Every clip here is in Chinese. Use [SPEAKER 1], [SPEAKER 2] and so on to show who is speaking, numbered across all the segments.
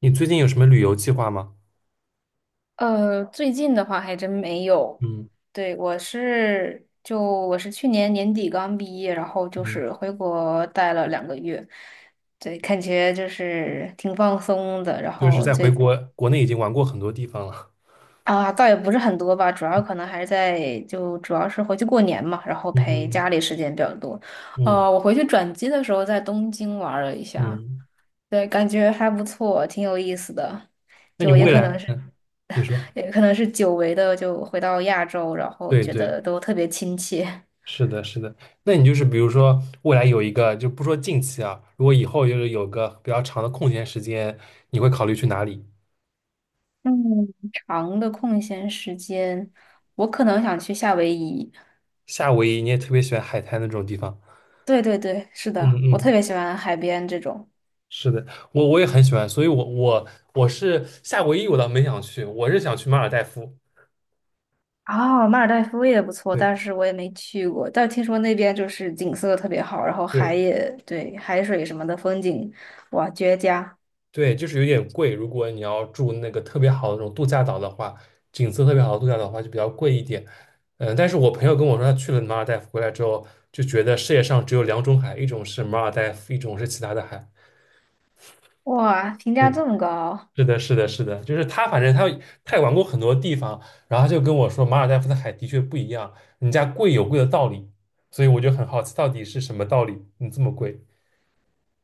[SPEAKER 1] 你最近有什么旅游计划吗？
[SPEAKER 2] 最近的话还真没有。
[SPEAKER 1] 嗯
[SPEAKER 2] 对，我是去年年底刚毕业，然后就
[SPEAKER 1] 嗯，
[SPEAKER 2] 是回国待了2个月，对，感觉就是挺放松的。然
[SPEAKER 1] 就是
[SPEAKER 2] 后
[SPEAKER 1] 在回国，国内已经玩过很多地方了。
[SPEAKER 2] 啊，倒也不是很多吧，主要可能还是在就主要是回去过年嘛，然后
[SPEAKER 1] 嗯
[SPEAKER 2] 陪
[SPEAKER 1] 嗯
[SPEAKER 2] 家里时间比较多。
[SPEAKER 1] 嗯
[SPEAKER 2] 我回去转机的时候在东京玩了一下，
[SPEAKER 1] 嗯。
[SPEAKER 2] 对，感觉还不错，挺有意思的。
[SPEAKER 1] 那你
[SPEAKER 2] 就也
[SPEAKER 1] 未
[SPEAKER 2] 可能
[SPEAKER 1] 来，
[SPEAKER 2] 是，
[SPEAKER 1] 嗯，你说，
[SPEAKER 2] 也可能是久违的，就回到亚洲，然后
[SPEAKER 1] 对
[SPEAKER 2] 觉
[SPEAKER 1] 对，
[SPEAKER 2] 得都特别亲切。
[SPEAKER 1] 是的，是的。那你就是比如说未来有一个，就不说近期啊，如果以后就是有个比较长的空闲时间，你会考虑去哪里？
[SPEAKER 2] 嗯，长的空闲时间，我可能想去夏威夷。
[SPEAKER 1] 夏威夷，你也特别喜欢海滩那种地方。
[SPEAKER 2] 对对对，是
[SPEAKER 1] 嗯
[SPEAKER 2] 的，我特
[SPEAKER 1] 嗯，
[SPEAKER 2] 别喜欢海边这种。
[SPEAKER 1] 是的，我也很喜欢，所以我是夏威夷，我倒没想去，我是想去马尔代夫。
[SPEAKER 2] 哦，马尔代夫也不错，但
[SPEAKER 1] 对
[SPEAKER 2] 是我也没去过。但听说那边就是景色特别好，然后海
[SPEAKER 1] 对。
[SPEAKER 2] 也，对，海水什么的风景，哇，绝佳！
[SPEAKER 1] 对，就是有点贵。如果你要住那个特别好的那种度假岛的话，景色特别好的度假岛的话，就比较贵一点。嗯，但是我朋友跟我说，他去了马尔代夫回来之后，就觉得世界上只有两种海，一种是马尔代夫，一种是其他的海。
[SPEAKER 2] 哇，评价
[SPEAKER 1] 对，
[SPEAKER 2] 这么高。
[SPEAKER 1] 是的，是的，是的，就是他，反正他也玩过很多地方，然后他就跟我说，马尔代夫的海的确不一样，人家贵有贵的道理，所以我就很好奇，到底是什么道理，你这么贵？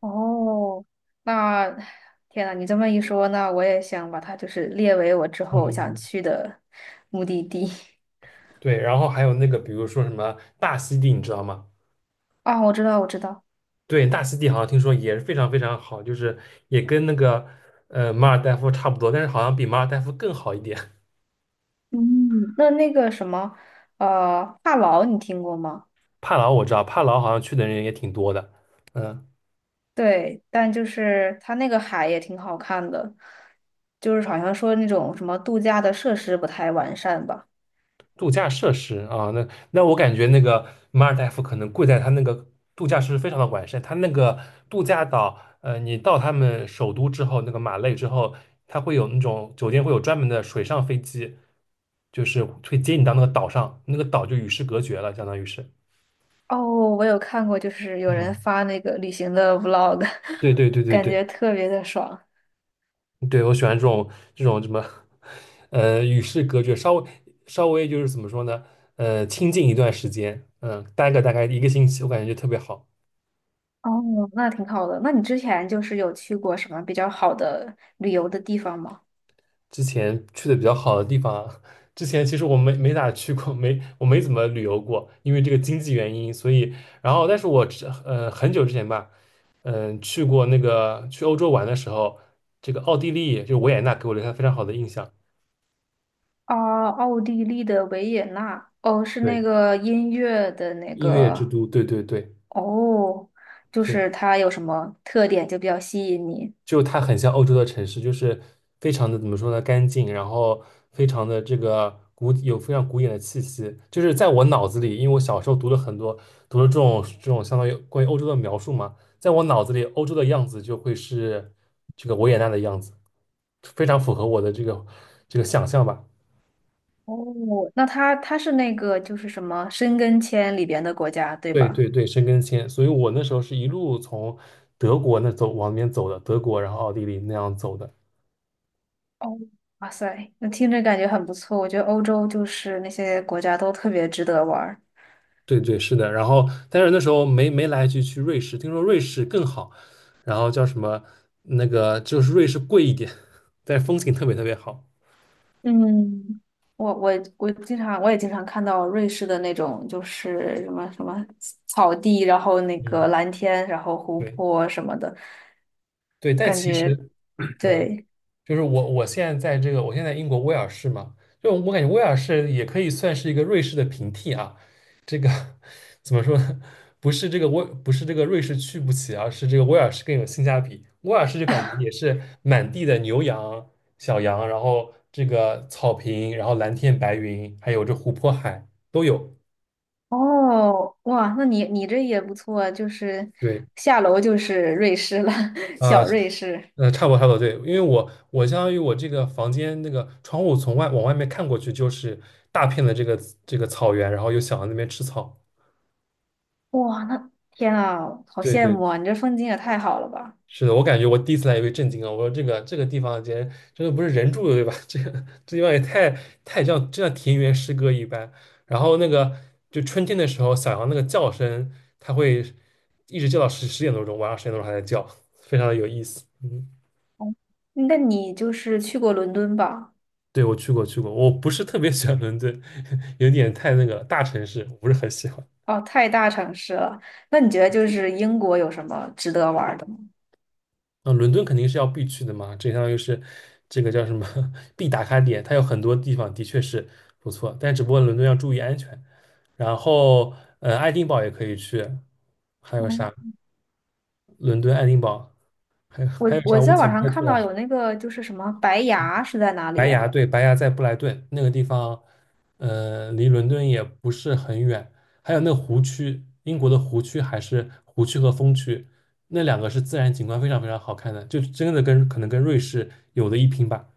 [SPEAKER 2] 哦，那天呐，你这么一说，那我也想把它就是列为我之后想
[SPEAKER 1] 嗯，
[SPEAKER 2] 去的目的地。
[SPEAKER 1] 对，然后还有那个，比如说什么大溪地，你知道吗？
[SPEAKER 2] 啊，我知道，我知道。
[SPEAKER 1] 对，大溪地好像听说也是非常非常好，就是也跟那个马尔代夫差不多，但是好像比马尔代夫更好一点。
[SPEAKER 2] 嗯，那那个什么，帕劳你听过吗？
[SPEAKER 1] 帕劳我知道，帕劳好像去的人也挺多的。嗯、
[SPEAKER 2] 对，但就是它那个海也挺好看的，就是好像说那种什么度假的设施不太完善吧。
[SPEAKER 1] 度假设施啊，那我感觉那个马尔代夫可能贵在它那个度假设施非常的完善，它那个度假岛，你到他们首都之后，那个马累之后，它会有那种酒店会有专门的水上飞机，就是会接你到那个岛上，那个岛就与世隔绝了，相当于是。
[SPEAKER 2] 哦，我有看过，就是有人
[SPEAKER 1] 嗯，
[SPEAKER 2] 发那个旅行的 vlog,
[SPEAKER 1] 对对 对对
[SPEAKER 2] 感
[SPEAKER 1] 对。
[SPEAKER 2] 觉特别的爽。
[SPEAKER 1] 对，我喜欢这种这种什么，与世隔绝，稍微就是怎么说呢，清静一段时间，嗯、待个大概一个星期，我感觉就特别好。
[SPEAKER 2] 哦，那挺好的。那你之前就是有去过什么比较好的旅游的地方吗？
[SPEAKER 1] 之前去的比较好的地方啊，之前其实我没咋去过，没我没怎么旅游过，因为这个经济原因，所以然后但是我很久之前吧，嗯、去过那个去欧洲玩的时候，这个奥地利就维也纳给我留下非常好的印象。
[SPEAKER 2] 啊，奥地利的维也纳，哦，是那
[SPEAKER 1] 对，
[SPEAKER 2] 个音乐的那
[SPEAKER 1] 音乐之
[SPEAKER 2] 个，
[SPEAKER 1] 都，对对对。
[SPEAKER 2] 哦，就
[SPEAKER 1] 对，
[SPEAKER 2] 是它有什么特点就比较吸引你？
[SPEAKER 1] 就它很像欧洲的城市，就是非常的怎么说呢，干净，然后非常的这个古，有非常古典的气息。就是在我脑子里，因为我小时候读了很多，读了这种相当于关于欧洲的描述嘛，在我脑子里，欧洲的样子就会是这个维也纳的样子，非常符合我的这个想象吧。
[SPEAKER 2] 哦，那它是那个就是什么申根签里边的国家，对
[SPEAKER 1] 对
[SPEAKER 2] 吧？
[SPEAKER 1] 对对，申根签，所以我那时候是一路从德国那走往那边走的，德国然后奥地利那样走的。
[SPEAKER 2] 哦，哇塞，那听着感觉很不错。我觉得欧洲就是那些国家都特别值得玩儿。
[SPEAKER 1] 对对，是的。然后，但是那时候没来得及去瑞士，听说瑞士更好，然后叫什么那个就是瑞士贵一点，但是风景特别特别好。
[SPEAKER 2] 嗯，我我我也经常看到瑞士的那种，就是什么什么草地，然后那个
[SPEAKER 1] 嗯，
[SPEAKER 2] 蓝天，然后湖
[SPEAKER 1] 对
[SPEAKER 2] 泊什么的，
[SPEAKER 1] 对，但
[SPEAKER 2] 感
[SPEAKER 1] 其
[SPEAKER 2] 觉
[SPEAKER 1] 实嗯，
[SPEAKER 2] 对。
[SPEAKER 1] 就是我现在在这个，我现在英国威尔士嘛，就我感觉威尔士也可以算是一个瑞士的平替啊。这个 怎么说呢？不是这个威，不是这个瑞士去不起而是这个威尔士更有性价比。威尔士就感觉也是满地的牛羊、小羊，然后这个草坪，然后蓝天白云，还有这湖泊海都有。
[SPEAKER 2] 哦，哇，那你这也不错，就是
[SPEAKER 1] 对，
[SPEAKER 2] 下楼就是瑞士了，
[SPEAKER 1] 啊、
[SPEAKER 2] 小瑞士。
[SPEAKER 1] 嗯，差不多差不多，对，因为我相当于我这个房间那个窗户从外往外面看过去就是大片的这个草原，然后又想到那边吃草。
[SPEAKER 2] 哇，那天啊，好
[SPEAKER 1] 对
[SPEAKER 2] 羡
[SPEAKER 1] 对，
[SPEAKER 2] 慕啊！你这风景也太好了吧？
[SPEAKER 1] 是的，我感觉我第一次来也被震惊了，我说这个地方简直真的不是人住的对吧？这个这地方也太像，就像田园诗歌一般。然后那个就春天的时候，小羊那个叫声，它会一直叫到十点多钟，晚上十点多钟还在叫，非常的有意思。嗯，
[SPEAKER 2] 那你就是去过伦敦吧？
[SPEAKER 1] 对，我去过，我不是特别喜欢伦敦，有点太那个大城市，我不是很喜欢。
[SPEAKER 2] 哦，太大城市了。那你觉得就是英国有什么值得玩儿的吗？
[SPEAKER 1] 啊，伦敦肯定是要必去的嘛，这相当于是这个叫什么 必打卡点，它有很多地方的确是不错，但只不过伦敦要注意安全。然后，爱丁堡也可以去，还有啥？伦敦、爱丁堡，还有
[SPEAKER 2] 我
[SPEAKER 1] 还有
[SPEAKER 2] 我
[SPEAKER 1] 啥？我
[SPEAKER 2] 在
[SPEAKER 1] 想
[SPEAKER 2] 网
[SPEAKER 1] 不
[SPEAKER 2] 上
[SPEAKER 1] 太出
[SPEAKER 2] 看到
[SPEAKER 1] 来。
[SPEAKER 2] 有那个就是什么白牙是在哪里
[SPEAKER 1] 白崖，
[SPEAKER 2] 呀、
[SPEAKER 1] 对，白崖在布莱顿那个地方，离伦敦也不是很远。还有那个湖区，英国的湖区还是湖区和风区，那两个是自然景观非常非常好看的，就真的跟可能跟瑞士有的一拼吧。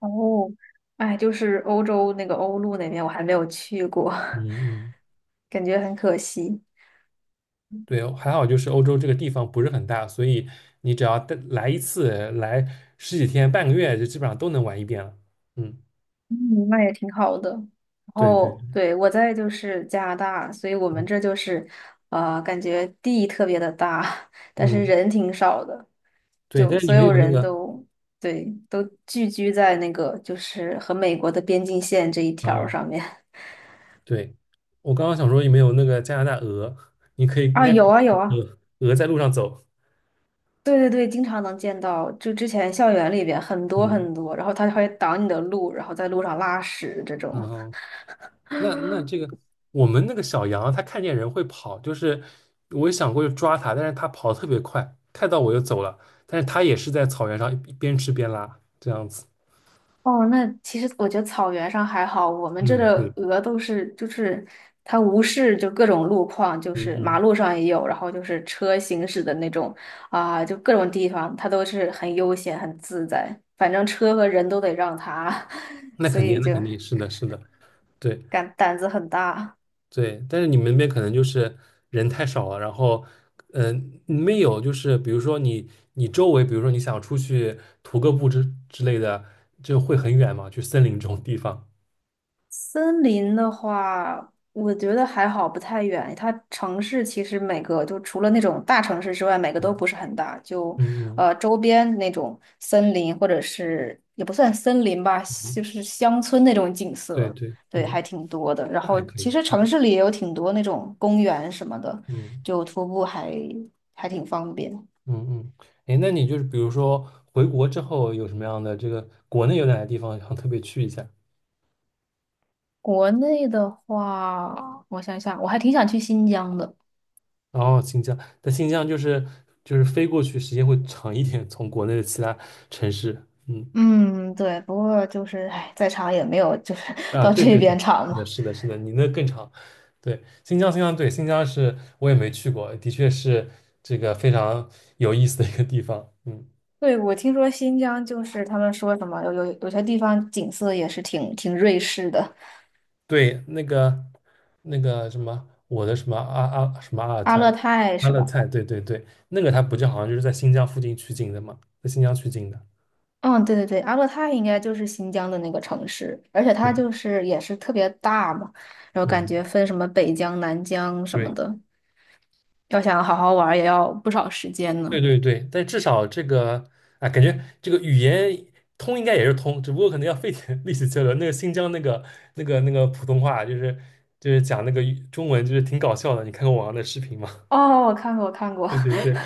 [SPEAKER 2] 哦，哎，就是欧洲那个欧陆那边，我还没有去过，
[SPEAKER 1] 嗯嗯，
[SPEAKER 2] 感觉很可惜。
[SPEAKER 1] 对，还好就是欧洲这个地方不是很大，所以你只要带来一次，来十几天、半个月，就基本上都能玩一遍了。嗯，
[SPEAKER 2] 嗯，那也挺好的。然
[SPEAKER 1] 对对，
[SPEAKER 2] 后对，我在就是加拿大，所以我
[SPEAKER 1] 嗯
[SPEAKER 2] 们这就是感觉地特别的大，但是
[SPEAKER 1] 嗯，
[SPEAKER 2] 人挺少的，
[SPEAKER 1] 对。
[SPEAKER 2] 就
[SPEAKER 1] 但是你
[SPEAKER 2] 所
[SPEAKER 1] 们
[SPEAKER 2] 有
[SPEAKER 1] 有那
[SPEAKER 2] 人
[SPEAKER 1] 个，
[SPEAKER 2] 都对都聚居在那个就是和美国的边境线这一条儿
[SPEAKER 1] 嗯、
[SPEAKER 2] 上面。
[SPEAKER 1] 对，我刚刚想说有没有那个加拿大鹅，你可以应
[SPEAKER 2] 啊，
[SPEAKER 1] 该可
[SPEAKER 2] 有
[SPEAKER 1] 以
[SPEAKER 2] 啊有啊，
[SPEAKER 1] 鹅鹅在路上走。
[SPEAKER 2] 对对对，经常能见到，就之前校园里边很多
[SPEAKER 1] 嗯，
[SPEAKER 2] 很多，然后它会挡你的路，然后在路上拉屎这种。
[SPEAKER 1] 然后那这个我们那个小羊它看见人会跑，就是我也想过去抓它，但是它跑得特别快，看到我就走了，但是它也是在草原上一边吃边拉这样子。
[SPEAKER 2] 哦，那其实我觉得草原上还好，我们这
[SPEAKER 1] 嗯，
[SPEAKER 2] 的
[SPEAKER 1] 对，
[SPEAKER 2] 鹅都是就是它无视就各种路况，就
[SPEAKER 1] 嗯
[SPEAKER 2] 是马
[SPEAKER 1] 嗯，
[SPEAKER 2] 路上也有，然后就是车行驶的那种啊，就各种地方它都是很悠闲很自在，反正车和人都得让它，
[SPEAKER 1] 那
[SPEAKER 2] 所
[SPEAKER 1] 肯定
[SPEAKER 2] 以
[SPEAKER 1] 那
[SPEAKER 2] 就
[SPEAKER 1] 肯定是的是的，对。
[SPEAKER 2] 敢胆子很大。
[SPEAKER 1] 对，但是你们那边可能就是人太少了，然后，嗯、没有就是比如说你，你周围，比如说你想出去徒个步之类的，就会很远嘛，去森林这种地方。
[SPEAKER 2] 森林的话，我觉得还好，不太远。它城市其实每个就除了那种大城市之外，每个都
[SPEAKER 1] 嗯
[SPEAKER 2] 不是很大。就
[SPEAKER 1] 嗯
[SPEAKER 2] 周边那种森林，或者是也不算森林吧，
[SPEAKER 1] 嗯，
[SPEAKER 2] 就是乡村那种景
[SPEAKER 1] 对
[SPEAKER 2] 色，
[SPEAKER 1] 对，
[SPEAKER 2] 对，
[SPEAKER 1] 嗯，
[SPEAKER 2] 还挺多的。然
[SPEAKER 1] 那还
[SPEAKER 2] 后
[SPEAKER 1] 可
[SPEAKER 2] 其
[SPEAKER 1] 以。
[SPEAKER 2] 实城市里也有挺多那种公园什么的，
[SPEAKER 1] 嗯
[SPEAKER 2] 就徒步还挺方便。
[SPEAKER 1] 嗯嗯，哎，那你就是比如说回国之后有什么样的这个国内有哪些地方想特别去一下？
[SPEAKER 2] 国内的话，我想想，我还挺想去新疆的。
[SPEAKER 1] 哦，新疆，但新疆就是飞过去时间会长一点，从国内的其他城市。嗯，
[SPEAKER 2] 嗯，对，不过就是，哎，再长也没有，就是
[SPEAKER 1] 啊，
[SPEAKER 2] 到
[SPEAKER 1] 对
[SPEAKER 2] 这
[SPEAKER 1] 对对，
[SPEAKER 2] 边长
[SPEAKER 1] 是的，
[SPEAKER 2] 嘛。
[SPEAKER 1] 是的，是的，你那更长。对，新疆，新疆，对，新疆是我也没去过，的确是这个非常有意思的一个地方。嗯，
[SPEAKER 2] 对，我听说新疆就是他们说什么有些地方景色也是挺瑞士的，
[SPEAKER 1] 对，那个那个什么，我的什么阿什么阿尔
[SPEAKER 2] 阿
[SPEAKER 1] 泰。
[SPEAKER 2] 勒泰
[SPEAKER 1] 阿
[SPEAKER 2] 是
[SPEAKER 1] 勒
[SPEAKER 2] 吧？
[SPEAKER 1] 泰，对对对，那个它不就好像就是在新疆附近取景的嘛，在新疆取景的。
[SPEAKER 2] 嗯，对对对，阿勒泰应该就是新疆的那个城市，而且
[SPEAKER 1] 对，
[SPEAKER 2] 它就是也是特别大嘛，然后感觉
[SPEAKER 1] 嗯，
[SPEAKER 2] 分什么北疆、南疆什么
[SPEAKER 1] 对。
[SPEAKER 2] 的，要想好好玩儿也要不少时间
[SPEAKER 1] 对
[SPEAKER 2] 呢。
[SPEAKER 1] 对对，但至少这个啊，感觉这个语言通应该也是通，只不过可能要费点 力气交流。那个新疆那个那个普通话，就是就是讲那个语中文，就是挺搞笑的。你看过网上的视频吗？
[SPEAKER 2] 哦，我看过，我看过。
[SPEAKER 1] 对 对对，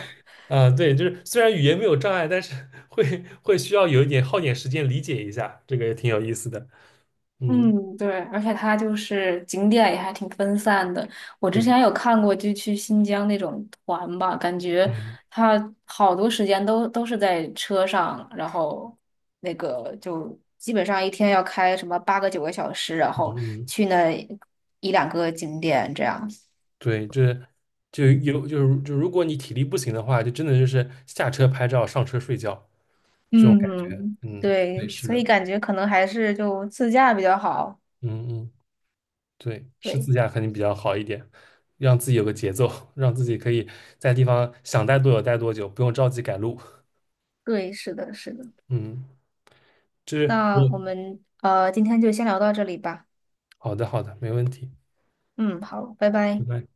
[SPEAKER 1] 啊、对，就是虽然语言没有障碍，但是 会需要有一点耗点时间理解一下，这个也挺有意思的。嗯，
[SPEAKER 2] 嗯，对，而且它就是景点也还挺分散的。我之
[SPEAKER 1] 对，
[SPEAKER 2] 前有看过，就去新疆那种团吧，感觉
[SPEAKER 1] 嗯
[SPEAKER 2] 它好多时间都是在车上，然后那个就基本上一天要开什么8个9个小时，然
[SPEAKER 1] 嗯
[SPEAKER 2] 后
[SPEAKER 1] 嗯，
[SPEAKER 2] 去那一两个景点这样。
[SPEAKER 1] 对，就是就有就是就如果你体力不行的话，就真的就是下车拍照，上车睡觉。这种。
[SPEAKER 2] 嗯，
[SPEAKER 1] 嗯，对，
[SPEAKER 2] 对，
[SPEAKER 1] 是
[SPEAKER 2] 所以
[SPEAKER 1] 的，
[SPEAKER 2] 感觉可能还是就自驾比较好。
[SPEAKER 1] 嗯嗯，对，是
[SPEAKER 2] 对，
[SPEAKER 1] 自驾肯定比较好一点，让自己有个节奏，让自己可以在地方想待多久待多久，不用着急赶路。
[SPEAKER 2] 对，是的，是的。
[SPEAKER 1] 嗯，就是我，
[SPEAKER 2] 那我们今天就先聊到这里吧。
[SPEAKER 1] 好的好的，没问题。
[SPEAKER 2] 嗯，好，拜
[SPEAKER 1] 拜
[SPEAKER 2] 拜。
[SPEAKER 1] 拜。